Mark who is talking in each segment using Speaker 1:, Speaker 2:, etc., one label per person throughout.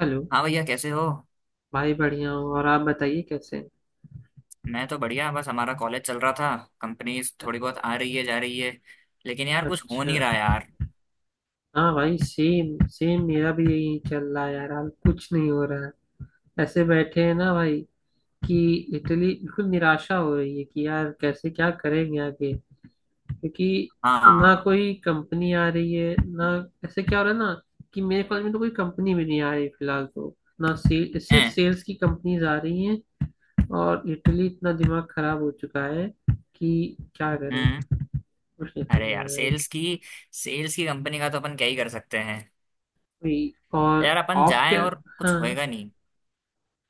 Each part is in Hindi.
Speaker 1: हेलो।
Speaker 2: हाँ भैया, कैसे हो?
Speaker 1: भाई बढ़िया हूँ और आप बताइए कैसे हैं?
Speaker 2: मैं तो बढ़िया। बस हमारा कॉलेज चल रहा था, कंपनीज थोड़ी बहुत आ रही है, जा रही है। लेकिन यार कुछ हो नहीं
Speaker 1: अच्छा।
Speaker 2: रहा यार।
Speaker 1: हाँ भाई, सेम सेम मेरा भी यही चल रहा है यार। हाल कुछ नहीं हो रहा है, ऐसे बैठे हैं ना भाई कि इटली बिल्कुल निराशा हो रही है कि यार कैसे क्या करेंगे आगे। क्योंकि ना
Speaker 2: हाँ।
Speaker 1: कोई कंपनी आ रही है ना। ऐसे क्या हो रहा है ना कि मेरे कॉलेज में तो कोई कंपनी भी नहीं आ रही फिलहाल तो। ना सेल
Speaker 2: ए,
Speaker 1: सिर्फ सेल्स की कंपनीज आ रही हैं। और इटली इतना दिमाग खराब हो चुका है कि क्या करें,
Speaker 2: हम्म।
Speaker 1: कुछ नहीं समझ
Speaker 2: अरे
Speaker 1: में आ
Speaker 2: यार
Speaker 1: रहा है।
Speaker 2: सेल्स की कंपनी का तो अपन क्या ही कर सकते हैं।
Speaker 1: वही। और
Speaker 2: यार अपन
Speaker 1: ऑफ के।
Speaker 2: जाएं और कुछ
Speaker 1: हाँ,
Speaker 2: होएगा नहीं।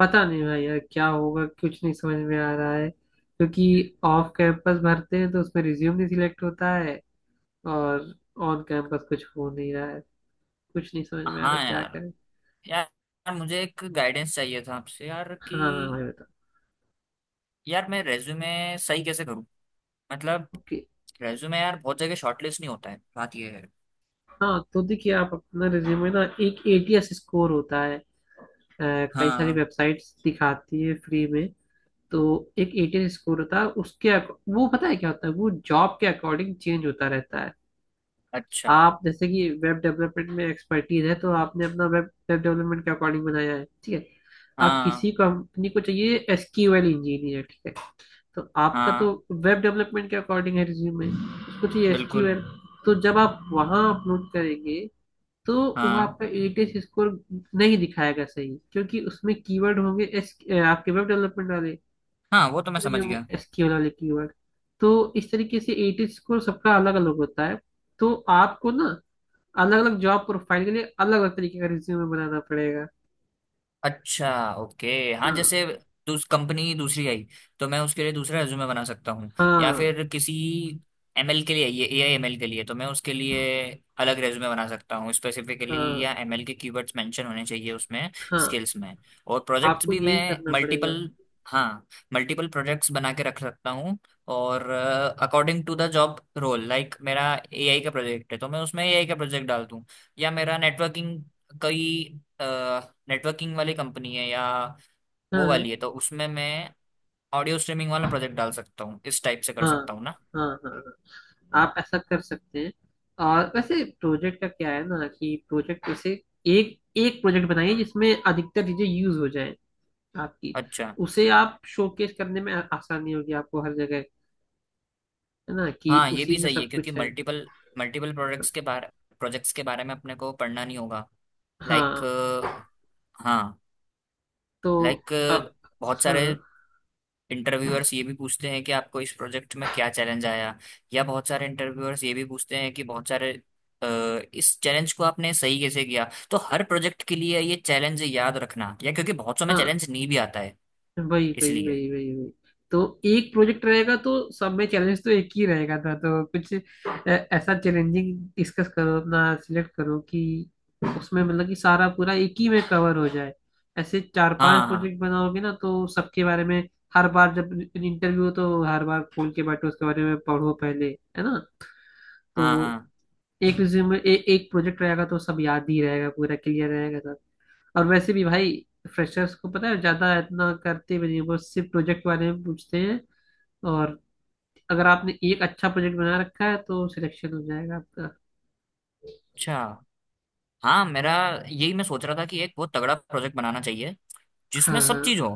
Speaker 1: पता नहीं भाई यार क्या होगा, कुछ नहीं समझ में आ रहा है। क्योंकि ऑफ कैंपस भरते हैं तो उसमें रिज्यूम नहीं सिलेक्ट होता है, और ऑन कैंपस कुछ हो नहीं रहा है। कुछ नहीं समझ में आ रहा
Speaker 2: हाँ
Speaker 1: क्या
Speaker 2: यार
Speaker 1: करें।
Speaker 2: यार यार मुझे एक गाइडेंस चाहिए था आपसे यार,
Speaker 1: हाँ हाँ
Speaker 2: कि
Speaker 1: भाई बताओ।
Speaker 2: यार मैं रेज्यूमे सही कैसे करूँ। मतलब
Speaker 1: ओके।
Speaker 2: रेज्यूमे यार बहुत जगह शॉर्टलिस्ट नहीं होता है, बात ये है।
Speaker 1: हाँ तो देखिए, आप अपना रिज्यूमे ना, एक एटीएस स्कोर होता है। कई सारी
Speaker 2: हाँ।
Speaker 1: वेबसाइट्स दिखाती है फ्री में। तो एक एटीएस स्कोर होता है उसके वो पता है क्या होता है, वो जॉब के अकॉर्डिंग चेंज होता रहता है।
Speaker 2: अच्छा।
Speaker 1: आप जैसे कि वेब डेवलपमेंट में एक्सपर्टीज है तो आपने अपना वेब वेब डेवलपमेंट के अकॉर्डिंग बनाया है, ठीक है। आप किसी
Speaker 2: हाँ,
Speaker 1: कंपनी को चाहिए एसक्यूएल इंजीनियर, ठीक है। तो आपका तो
Speaker 2: हाँ।
Speaker 1: वेब डेवलपमेंट के अकॉर्डिंग है रिज्यूमे, उसको चाहिए
Speaker 2: बिल्कुल।
Speaker 1: एसक्यूएल। तो जब आप वहां अपलोड करेंगे तो वो
Speaker 2: हाँ,
Speaker 1: आपका एटीएस स्कोर नहीं दिखाएगा सही, क्योंकि उसमें कीवर्ड होंगे एस आपके वेब डेवलपमेंट वाले,
Speaker 2: हाँ, वो तो मैं
Speaker 1: नहीं
Speaker 2: समझ
Speaker 1: होंगे
Speaker 2: गया।
Speaker 1: एसक्यूएल वाले कीवर्ड। तो इस तरीके से एटीएस स्कोर सबका अलग अलग होता है। तो आपको ना अलग अलग जॉब प्रोफाइल के लिए अलग अलग तरीके का रिज्यूमे बनाना पड़ेगा।
Speaker 2: अच्छा, ओके। हाँ,
Speaker 1: हाँ।
Speaker 2: जैसे दूस कंपनी दूसरी आई तो मैं उसके लिए दूसरा रेज्यूमे बना सकता हूँ। या
Speaker 1: हाँ
Speaker 2: फिर किसी एमएल के लिए, ये एआई एमएल के लिए, तो मैं उसके लिए अलग रेज्यूमे बना सकता हूँ स्पेसिफिकली।
Speaker 1: हाँ
Speaker 2: या एमएल के कीवर्ड्स मेंशन होने चाहिए उसमें,
Speaker 1: हाँ।
Speaker 2: स्किल्स में। और प्रोजेक्ट्स
Speaker 1: आपको
Speaker 2: भी
Speaker 1: यही
Speaker 2: मैं
Speaker 1: करना पड़ेगा।
Speaker 2: मल्टीपल। हाँ। मल्टीपल प्रोजेक्ट्स बना के रख सकता हूँ। और according to the job role, like मेरा एआई का प्रोजेक्ट है तो मैं उसमें एआई का प्रोजेक्ट डाल दूँ। या मेरा नेटवर्किंग, कई नेटवर्किंग वाली कंपनी है, या वो
Speaker 1: हाँ हाँ
Speaker 2: वाली है तो उसमें मैं ऑडियो स्ट्रीमिंग वाला प्रोजेक्ट डाल सकता हूँ। इस टाइप से कर
Speaker 1: हाँ
Speaker 2: सकता हूँ ना?
Speaker 1: हाँ हाँ हाँ, आप ऐसा कर सकते हैं। और वैसे प्रोजेक्ट का क्या है ना, कि प्रोजेक्ट उसे एक एक प्रोजेक्ट बनाइए जिसमें अधिकतर चीजें यूज हो जाए आपकी।
Speaker 2: अच्छा।
Speaker 1: उसे आप शोकेस करने में आसानी होगी आपको हर जगह, है ना, कि
Speaker 2: हाँ, ये
Speaker 1: उसी
Speaker 2: भी
Speaker 1: में
Speaker 2: सही है
Speaker 1: सब
Speaker 2: क्योंकि
Speaker 1: कुछ है।
Speaker 2: मल्टीपल मल्टीपल प्रोडक्ट्स के बारे प्रोजेक्ट्स के बारे में अपने को पढ़ना नहीं होगा। लाइक।
Speaker 1: हाँ।
Speaker 2: हाँ।
Speaker 1: तो
Speaker 2: लाइक
Speaker 1: अब।
Speaker 2: बहुत
Speaker 1: हाँ
Speaker 2: सारे इंटरव्यूअर्स ये भी पूछते हैं कि आपको इस प्रोजेक्ट में क्या चैलेंज आया। या बहुत सारे इंटरव्यूअर्स ये भी पूछते हैं कि बहुत सारे अ, इस चैलेंज को आपने सही कैसे किया। तो हर प्रोजेक्ट के लिए ये चैलेंज याद रखना, या क्योंकि बहुत समय
Speaker 1: हाँ।
Speaker 2: चैलेंज नहीं भी आता है,
Speaker 1: वही वही
Speaker 2: इसलिए।
Speaker 1: वही वही वही। तो एक प्रोजेक्ट रहेगा तो सब में चैलेंज तो एक ही रहेगा था, तो कुछ ऐसा चैलेंजिंग डिस्कस करो, अपना सिलेक्ट करो कि उसमें मतलब कि सारा पूरा एक ही में कवर हो जाए। ऐसे चार पांच
Speaker 2: हाँ, हाँ,
Speaker 1: प्रोजेक्ट बनाओगे ना तो सबके बारे में हर बार जब इंटरव्यू हो तो हर बार खोल के बैठो उसके बारे में पढ़ो पहले, है ना।
Speaker 2: हाँ,
Speaker 1: तो
Speaker 2: हाँ।
Speaker 1: एक रिज्यूमे एक प्रोजेक्ट रहेगा तो सब याद ही रहेगा, पूरा क्लियर रहेगा। और वैसे भी भाई, फ्रेशर्स को पता है ज्यादा इतना करते भी नहीं, वो सिर्फ प्रोजेक्ट बारे में पूछते हैं। और अगर आपने एक अच्छा प्रोजेक्ट बना रखा है तो सिलेक्शन हो जाएगा आपका।
Speaker 2: अच्छा। हाँ मेरा, यही मैं सोच रहा था कि एक बहुत तगड़ा प्रोजेक्ट बनाना चाहिए जिसमें
Speaker 1: हाँ
Speaker 2: सब चीज हो,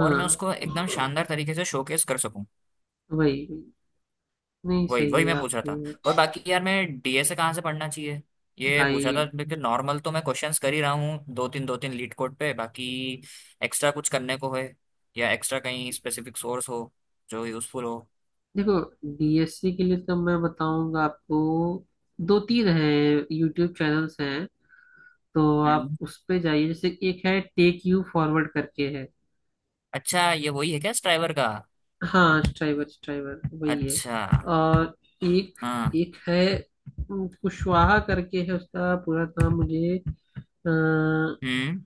Speaker 1: हाँ
Speaker 2: और मैं
Speaker 1: हाँ।
Speaker 2: उसको एकदम शानदार तरीके से शोकेस कर सकूं।
Speaker 1: वही वही। नहीं
Speaker 2: वही वही
Speaker 1: सही है,
Speaker 2: मैं
Speaker 1: आप
Speaker 2: पूछ रहा था।
Speaker 1: सही है
Speaker 2: और बाकी यार मैं डीएसए कहाँ से पढ़ना चाहिए, ये पूछ रहा
Speaker 1: भाई।
Speaker 2: था। बिल्कुल नॉर्मल तो मैं क्वेश्चंस कर ही रहा हूँ, दो तीन लीड कोड पे। बाकी एक्स्ट्रा कुछ करने को है, या एक्स्ट्रा कहीं स्पेसिफिक सोर्स हो जो यूजफुल हो?
Speaker 1: देखो, डीएससी के लिए तो मैं बताऊंगा आपको, दो तीन हैं यूट्यूब चैनल्स हैं। तो आप
Speaker 2: हम्म।
Speaker 1: उस पे जाइए। जैसे एक है टेक यू फॉरवर्ड करके है।
Speaker 2: अच्छा, ये वही है क्या, स्ट्राइवर का?
Speaker 1: हाँ, स्ट्राइवर, स्ट्राइवर वही है।
Speaker 2: अच्छा।
Speaker 1: और एक,
Speaker 2: हाँ।
Speaker 1: एक है कुशवाहा करके है, उसका पूरा नाम मुझे अ,
Speaker 2: हम्म।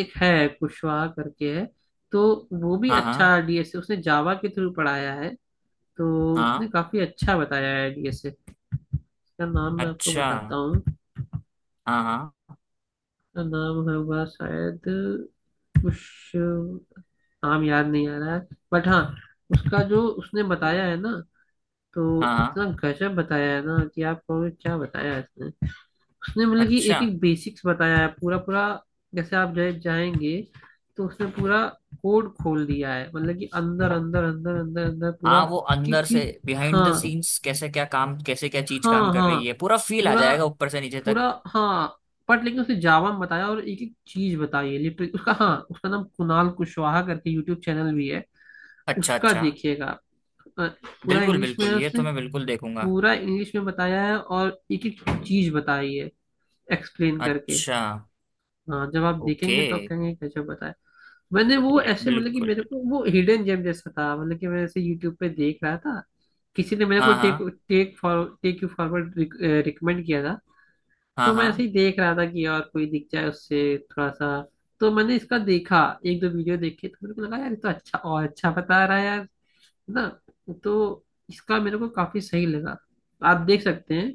Speaker 1: एक है कुशवाहा करके है। तो वो भी
Speaker 2: हाँ,
Speaker 1: अच्छा
Speaker 2: हाँ,
Speaker 1: डीएसए उसने जावा के थ्रू पढ़ाया है। तो उसने
Speaker 2: हाँ।
Speaker 1: काफी अच्छा बताया है डीएसए। उसका नाम मैं आपको
Speaker 2: अच्छा।
Speaker 1: बताता
Speaker 2: हाँ,
Speaker 1: हूँ।
Speaker 2: हाँ,
Speaker 1: उसका नाम होगा शायद कुछ, नाम याद नहीं आ रहा है, बट हाँ, उसका जो उसने बताया है ना, तो
Speaker 2: हाँ, हाँ।
Speaker 1: उतना गजब बताया है ना कि आप कहोगे क्या बताया है इसने। उसने मतलब कि
Speaker 2: अच्छा।
Speaker 1: एक एक बेसिक्स बताया है पूरा पूरा। जैसे आप जाएंगे तो उसने पूरा कोड खोल दिया है, मतलब कि अंदर अंदर अंदर अंदर अंदर पूरा,
Speaker 2: हाँ, वो
Speaker 1: कि
Speaker 2: अंदर से,
Speaker 1: कि
Speaker 2: बिहाइंड द
Speaker 1: हाँ
Speaker 2: सीन्स कैसे क्या काम, कैसे क्या चीज काम
Speaker 1: हाँ
Speaker 2: कर
Speaker 1: हाँ,
Speaker 2: रही है, पूरा फील आ
Speaker 1: पूरा
Speaker 2: जाएगा ऊपर से नीचे तक।
Speaker 1: पूरा हाँ। बट लेकिन उसने जावा में बताया, और एक एक चीज बताई है लिटरली, उसका, हाँ उसका नाम कुणाल कुशवाहा करके यूट्यूब चैनल भी है।
Speaker 2: अच्छा,
Speaker 1: उसका
Speaker 2: अच्छा।
Speaker 1: देखिएगा आप। अ, पूरा
Speaker 2: बिल्कुल
Speaker 1: इंग्लिश में है
Speaker 2: बिल्कुल, ये
Speaker 1: उसने,
Speaker 2: तो मैं बिल्कुल देखूंगा।
Speaker 1: पूरा इंग्लिश में बताया है, और एक एक चीज बताई है एक्सप्लेन करके।
Speaker 2: अच्छा,
Speaker 1: हाँ, जब आप
Speaker 2: ओके।
Speaker 1: देखेंगे तो आप कहेंगे कैसे बताया। मैंने वो
Speaker 2: या,
Speaker 1: ऐसे, मतलब कि
Speaker 2: बिल्कुल
Speaker 1: मेरे
Speaker 2: बिल्कुल।
Speaker 1: को वो हिडन जेम जैसा था। मतलब कि मैं ऐसे यूट्यूब पे देख रहा था, किसी ने मेरे को
Speaker 2: हाँ,
Speaker 1: टेक
Speaker 2: हाँ,
Speaker 1: take for take you forward recommend किया था।
Speaker 2: हाँ,
Speaker 1: तो मैं ऐसे
Speaker 2: हाँ।
Speaker 1: ही देख रहा था कि और कोई दिख जाए उससे थोड़ा सा। तो मैंने इसका देखा, एक दो वीडियो देखे तो मेरे को लगा यार ये तो अच्छा, और अच्छा बता रहा है यार, है ना। तो इसका मेरे को काफी सही लगा। आप देख सकते हैं,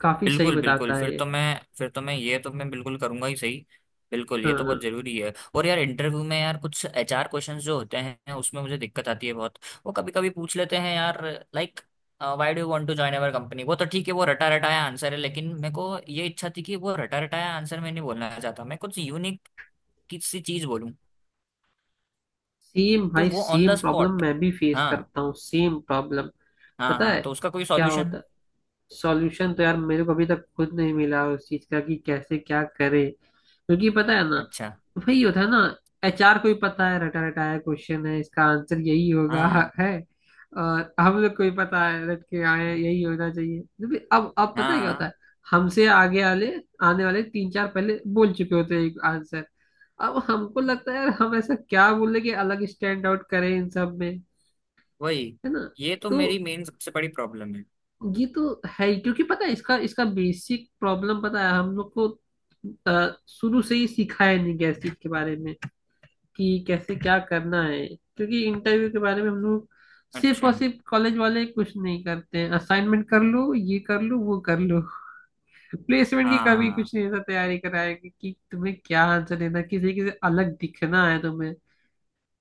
Speaker 1: काफी सही
Speaker 2: बिल्कुल बिल्कुल,
Speaker 1: बताता है ये।
Speaker 2: फिर तो मैं ये तो मैं बिल्कुल करूंगा ही सही। बिल्कुल,
Speaker 1: हाँ
Speaker 2: ये तो बहुत
Speaker 1: हाँ,
Speaker 2: जरूरी है। और यार इंटरव्यू में यार कुछ एचआर क्वेश्चंस जो होते हैं उसमें मुझे दिक्कत आती है बहुत। वो कभी कभी पूछ लेते हैं यार, like, why do you want to join our company. वो तो ठीक है, वो रटा रटाया आंसर है, लेकिन मेरे को ये इच्छा थी कि वो रटा रटाया आंसर मैं नहीं बोलना चाहता, मैं कुछ यूनिक किसी चीज बोलूँ।
Speaker 1: सेम
Speaker 2: तो
Speaker 1: भाई
Speaker 2: वो on the
Speaker 1: same problem
Speaker 2: spot.
Speaker 1: मैं भी फेस
Speaker 2: हाँ,
Speaker 1: करता हूँ, सेम प्रॉब्लम।
Speaker 2: हाँ,
Speaker 1: पता
Speaker 2: हाँ,
Speaker 1: है
Speaker 2: तो उसका कोई
Speaker 1: क्या
Speaker 2: सॉल्यूशन?
Speaker 1: होता है? सॉल्यूशन तो यार मेरे को अभी तक खुद नहीं मिला उस चीज का, कि कैसे क्या करे, क्योंकि पता है ना,
Speaker 2: अच्छा।
Speaker 1: वही होता है ना। एचआर को ही पता है रटा रटाया क्वेश्चन है, इसका आंसर यही होगा
Speaker 2: हाँ,
Speaker 1: है। और हम लोग को ही पता है रट के आए हैं, यही होना चाहिए, क्योंकि अब पता
Speaker 2: हाँ,
Speaker 1: है क्या होता
Speaker 2: हाँ।
Speaker 1: है, हमसे आगे वाले, आने वाले तीन चार पहले बोल चुके होते हैं एक आंसर। अब हमको लगता है यार हम ऐसा क्या बोले कि अलग स्टैंड आउट करें इन सब में,
Speaker 2: वही,
Speaker 1: है ना।
Speaker 2: ये तो
Speaker 1: तो
Speaker 2: मेरी मेन सबसे बड़ी प्रॉब्लम है।
Speaker 1: ये तो है ही, क्योंकि पता है इसका इसका बेसिक प्रॉब्लम पता है हम लोग को, शुरू से ही सिखाया नहीं गया इस चीज के बारे में कि कैसे क्या करना है, क्योंकि इंटरव्यू के बारे में हम लोग, सिर्फ
Speaker 2: अच्छा।
Speaker 1: और सिर्फ कॉलेज वाले कुछ नहीं करते हैं, असाइनमेंट कर लो, ये कर लो, वो कर लो, प्लेसमेंट की कभी
Speaker 2: हाँ।
Speaker 1: कुछ नहीं ऐसा तैयारी कराएंगे कि तुम्हें क्या आंसर देना, किसी किसी अलग दिखना है तुम्हें।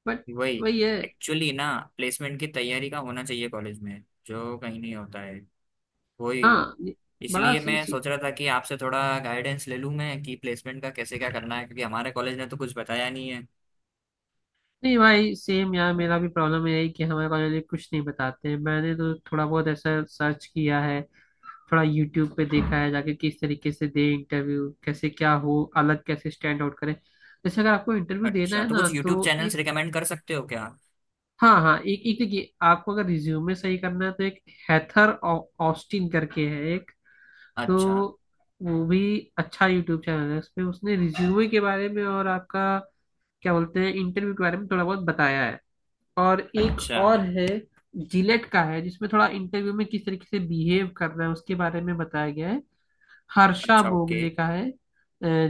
Speaker 1: बट
Speaker 2: वही।
Speaker 1: वही है।
Speaker 2: एक्चुअली ना, प्लेसमेंट की तैयारी का होना चाहिए कॉलेज में, जो कहीं नहीं होता है। वही।
Speaker 1: हाँ ये। बड़ा
Speaker 2: इसलिए
Speaker 1: सी,
Speaker 2: मैं
Speaker 1: सी
Speaker 2: सोच रहा था कि आपसे थोड़ा गाइडेंस ले लूँ मैं, कि प्लेसमेंट का कैसे क्या करना है, क्योंकि हमारे कॉलेज ने तो कुछ बताया नहीं है।
Speaker 1: नहीं भाई सेम यार, मेरा भी प्रॉब्लम यही है कि हमारे कॉलेज में कुछ नहीं बताते हैं। मैंने तो थोड़ा बहुत ऐसा सर्च किया है, थोड़ा यूट्यूब पे देखा है जाके, किस तरीके से दे इंटरव्यू, कैसे क्या हो, अलग कैसे स्टैंड आउट करें। जैसे अगर आपको इंटरव्यू देना
Speaker 2: अच्छा,
Speaker 1: है
Speaker 2: तो
Speaker 1: ना
Speaker 2: कुछ यूट्यूब
Speaker 1: तो
Speaker 2: चैनल्स
Speaker 1: एक,
Speaker 2: रिकमेंड कर सकते हो क्या?
Speaker 1: हाँ हाँ, एक एक देखिए, आपको अगर रिज्यूमे सही करना है तो एक हैथर ऑस्टिन करके है एक। तो
Speaker 2: अच्छा,
Speaker 1: वो भी अच्छा यूट्यूब चैनल है, उसपे उसने रिज्यूमे के बारे में, और आपका क्या बोलते हैं, इंटरव्यू के बारे में थोड़ा बहुत बताया है। और एक
Speaker 2: अच्छा।
Speaker 1: और है जिलेट का है, जिसमें थोड़ा इंटरव्यू में किस तरीके से बिहेव करना है उसके बारे में बताया गया है। हर्षा
Speaker 2: अच्छा, ओके।
Speaker 1: बोगले का है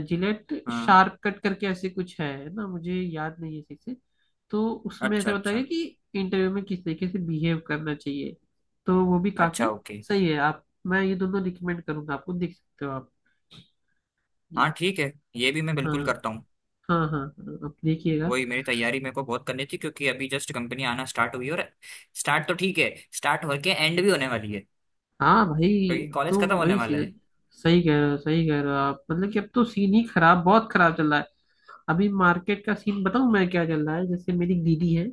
Speaker 1: जिलेट
Speaker 2: हाँ।
Speaker 1: शार्प कट करके ऐसे कुछ है ना, मुझे याद नहीं है ठीक से। तो उसमें
Speaker 2: अच्छा,
Speaker 1: ऐसा बताया
Speaker 2: अच्छा।
Speaker 1: गया कि इंटरव्यू में किस तरीके से बिहेव करना चाहिए। तो वो भी
Speaker 2: अच्छा,
Speaker 1: काफी
Speaker 2: ओके।
Speaker 1: सही है। आप, मैं ये दोनों रिकमेंड करूंगा आपको, देख सकते हो आप ये।
Speaker 2: हाँ, ठीक है, ये भी मैं बिल्कुल
Speaker 1: हाँ
Speaker 2: करता हूँ।
Speaker 1: हाँ हाँ हाँ, आप देखिएगा।
Speaker 2: वही, मेरी तैयारी मेरे को बहुत करनी थी, क्योंकि अभी जस्ट कंपनी आना स्टार्ट हुई है, और स्टार्ट तो ठीक है, स्टार्ट होके एंड भी होने वाली है,
Speaker 1: हाँ भाई।
Speaker 2: क्योंकि
Speaker 1: अब तो
Speaker 2: कॉलेज खत्म होने
Speaker 1: वही चीज
Speaker 2: वाला
Speaker 1: है।
Speaker 2: है।
Speaker 1: सही कह रहे हो, सही कह रहे हो आप। मतलब कि अब तो सीन ही खराब, बहुत खराब चल रहा है। अभी मार्केट का सीन बताऊं मैं क्या चल रहा है। जैसे मेरी दीदी है,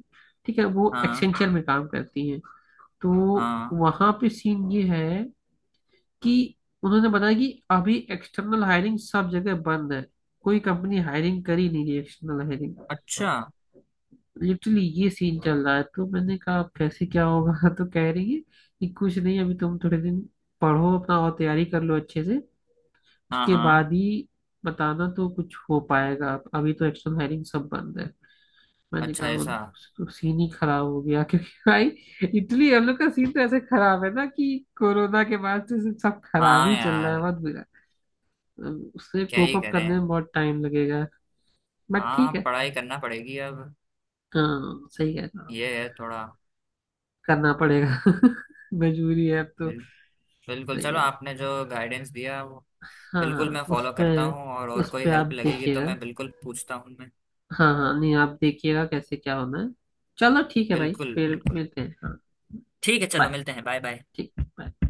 Speaker 1: ठीक है, वो
Speaker 2: हाँ,
Speaker 1: एक्सेंचर में काम करती है। तो
Speaker 2: हाँ।
Speaker 1: वहां पे सीन ये है कि उन्होंने बताया कि अभी एक्सटर्नल हायरिंग सब जगह बंद है, कोई कंपनी हायरिंग कर ही नहीं रही एक्सटर्नल हायरिंग।
Speaker 2: अच्छा।
Speaker 1: लिटरली ये सीन चल रहा है। तो मैंने कहा अब कैसे क्या होगा तो कह रही है कि कुछ नहीं, अभी तुम थोड़े दिन पढ़ो अपना और तैयारी कर लो अच्छे से,
Speaker 2: हाँ,
Speaker 1: उसके
Speaker 2: हाँ।
Speaker 1: बाद ही बताना तो कुछ हो पाएगा, अभी तो एक्सटर्नल हायरिंग सब बंद है। मैंने
Speaker 2: अच्छा
Speaker 1: कहा, और
Speaker 2: ऐसा?
Speaker 1: तो सीन ही खराब हो गया क्योंकि भाई इटली हम लोग का सीन तो ऐसे खराब है ना, कि कोरोना के बाद से सब खराब
Speaker 2: हाँ
Speaker 1: ही चल रहा है,
Speaker 2: यार,
Speaker 1: बहुत बुरा। उससे
Speaker 2: क्या
Speaker 1: कोप
Speaker 2: ही
Speaker 1: अप करने
Speaker 2: करें।
Speaker 1: में बहुत टाइम लगेगा। बट ठीक
Speaker 2: हाँ,
Speaker 1: है।
Speaker 2: पढ़ाई करना पड़ेगी अब।
Speaker 1: हाँ सही है ना,
Speaker 2: ये है थोड़ा।
Speaker 1: करना पड़ेगा मजबूरी है अब तो।
Speaker 2: बिल, बिल्कुल,
Speaker 1: सही
Speaker 2: चलो
Speaker 1: है।
Speaker 2: आपने जो गाइडेंस दिया वो बिल्कुल
Speaker 1: हाँ
Speaker 2: मैं
Speaker 1: उस
Speaker 2: फॉलो
Speaker 1: पे
Speaker 2: करता हूँ, और
Speaker 1: उस
Speaker 2: कोई
Speaker 1: पे आप
Speaker 2: हेल्प लगेगी तो
Speaker 1: देखिएगा।
Speaker 2: मैं बिल्कुल पूछता हूँ मैं।
Speaker 1: हाँ हाँ, नहीं आप देखिएगा कैसे क्या होना है। चलो ठीक है भाई
Speaker 2: बिल्कुल
Speaker 1: फिर
Speaker 2: बिल्कुल,
Speaker 1: मिलते हैं, हाँ।
Speaker 2: ठीक है, चलो
Speaker 1: बाय,
Speaker 2: मिलते हैं, बाय, बाय।
Speaker 1: ठीक बाय।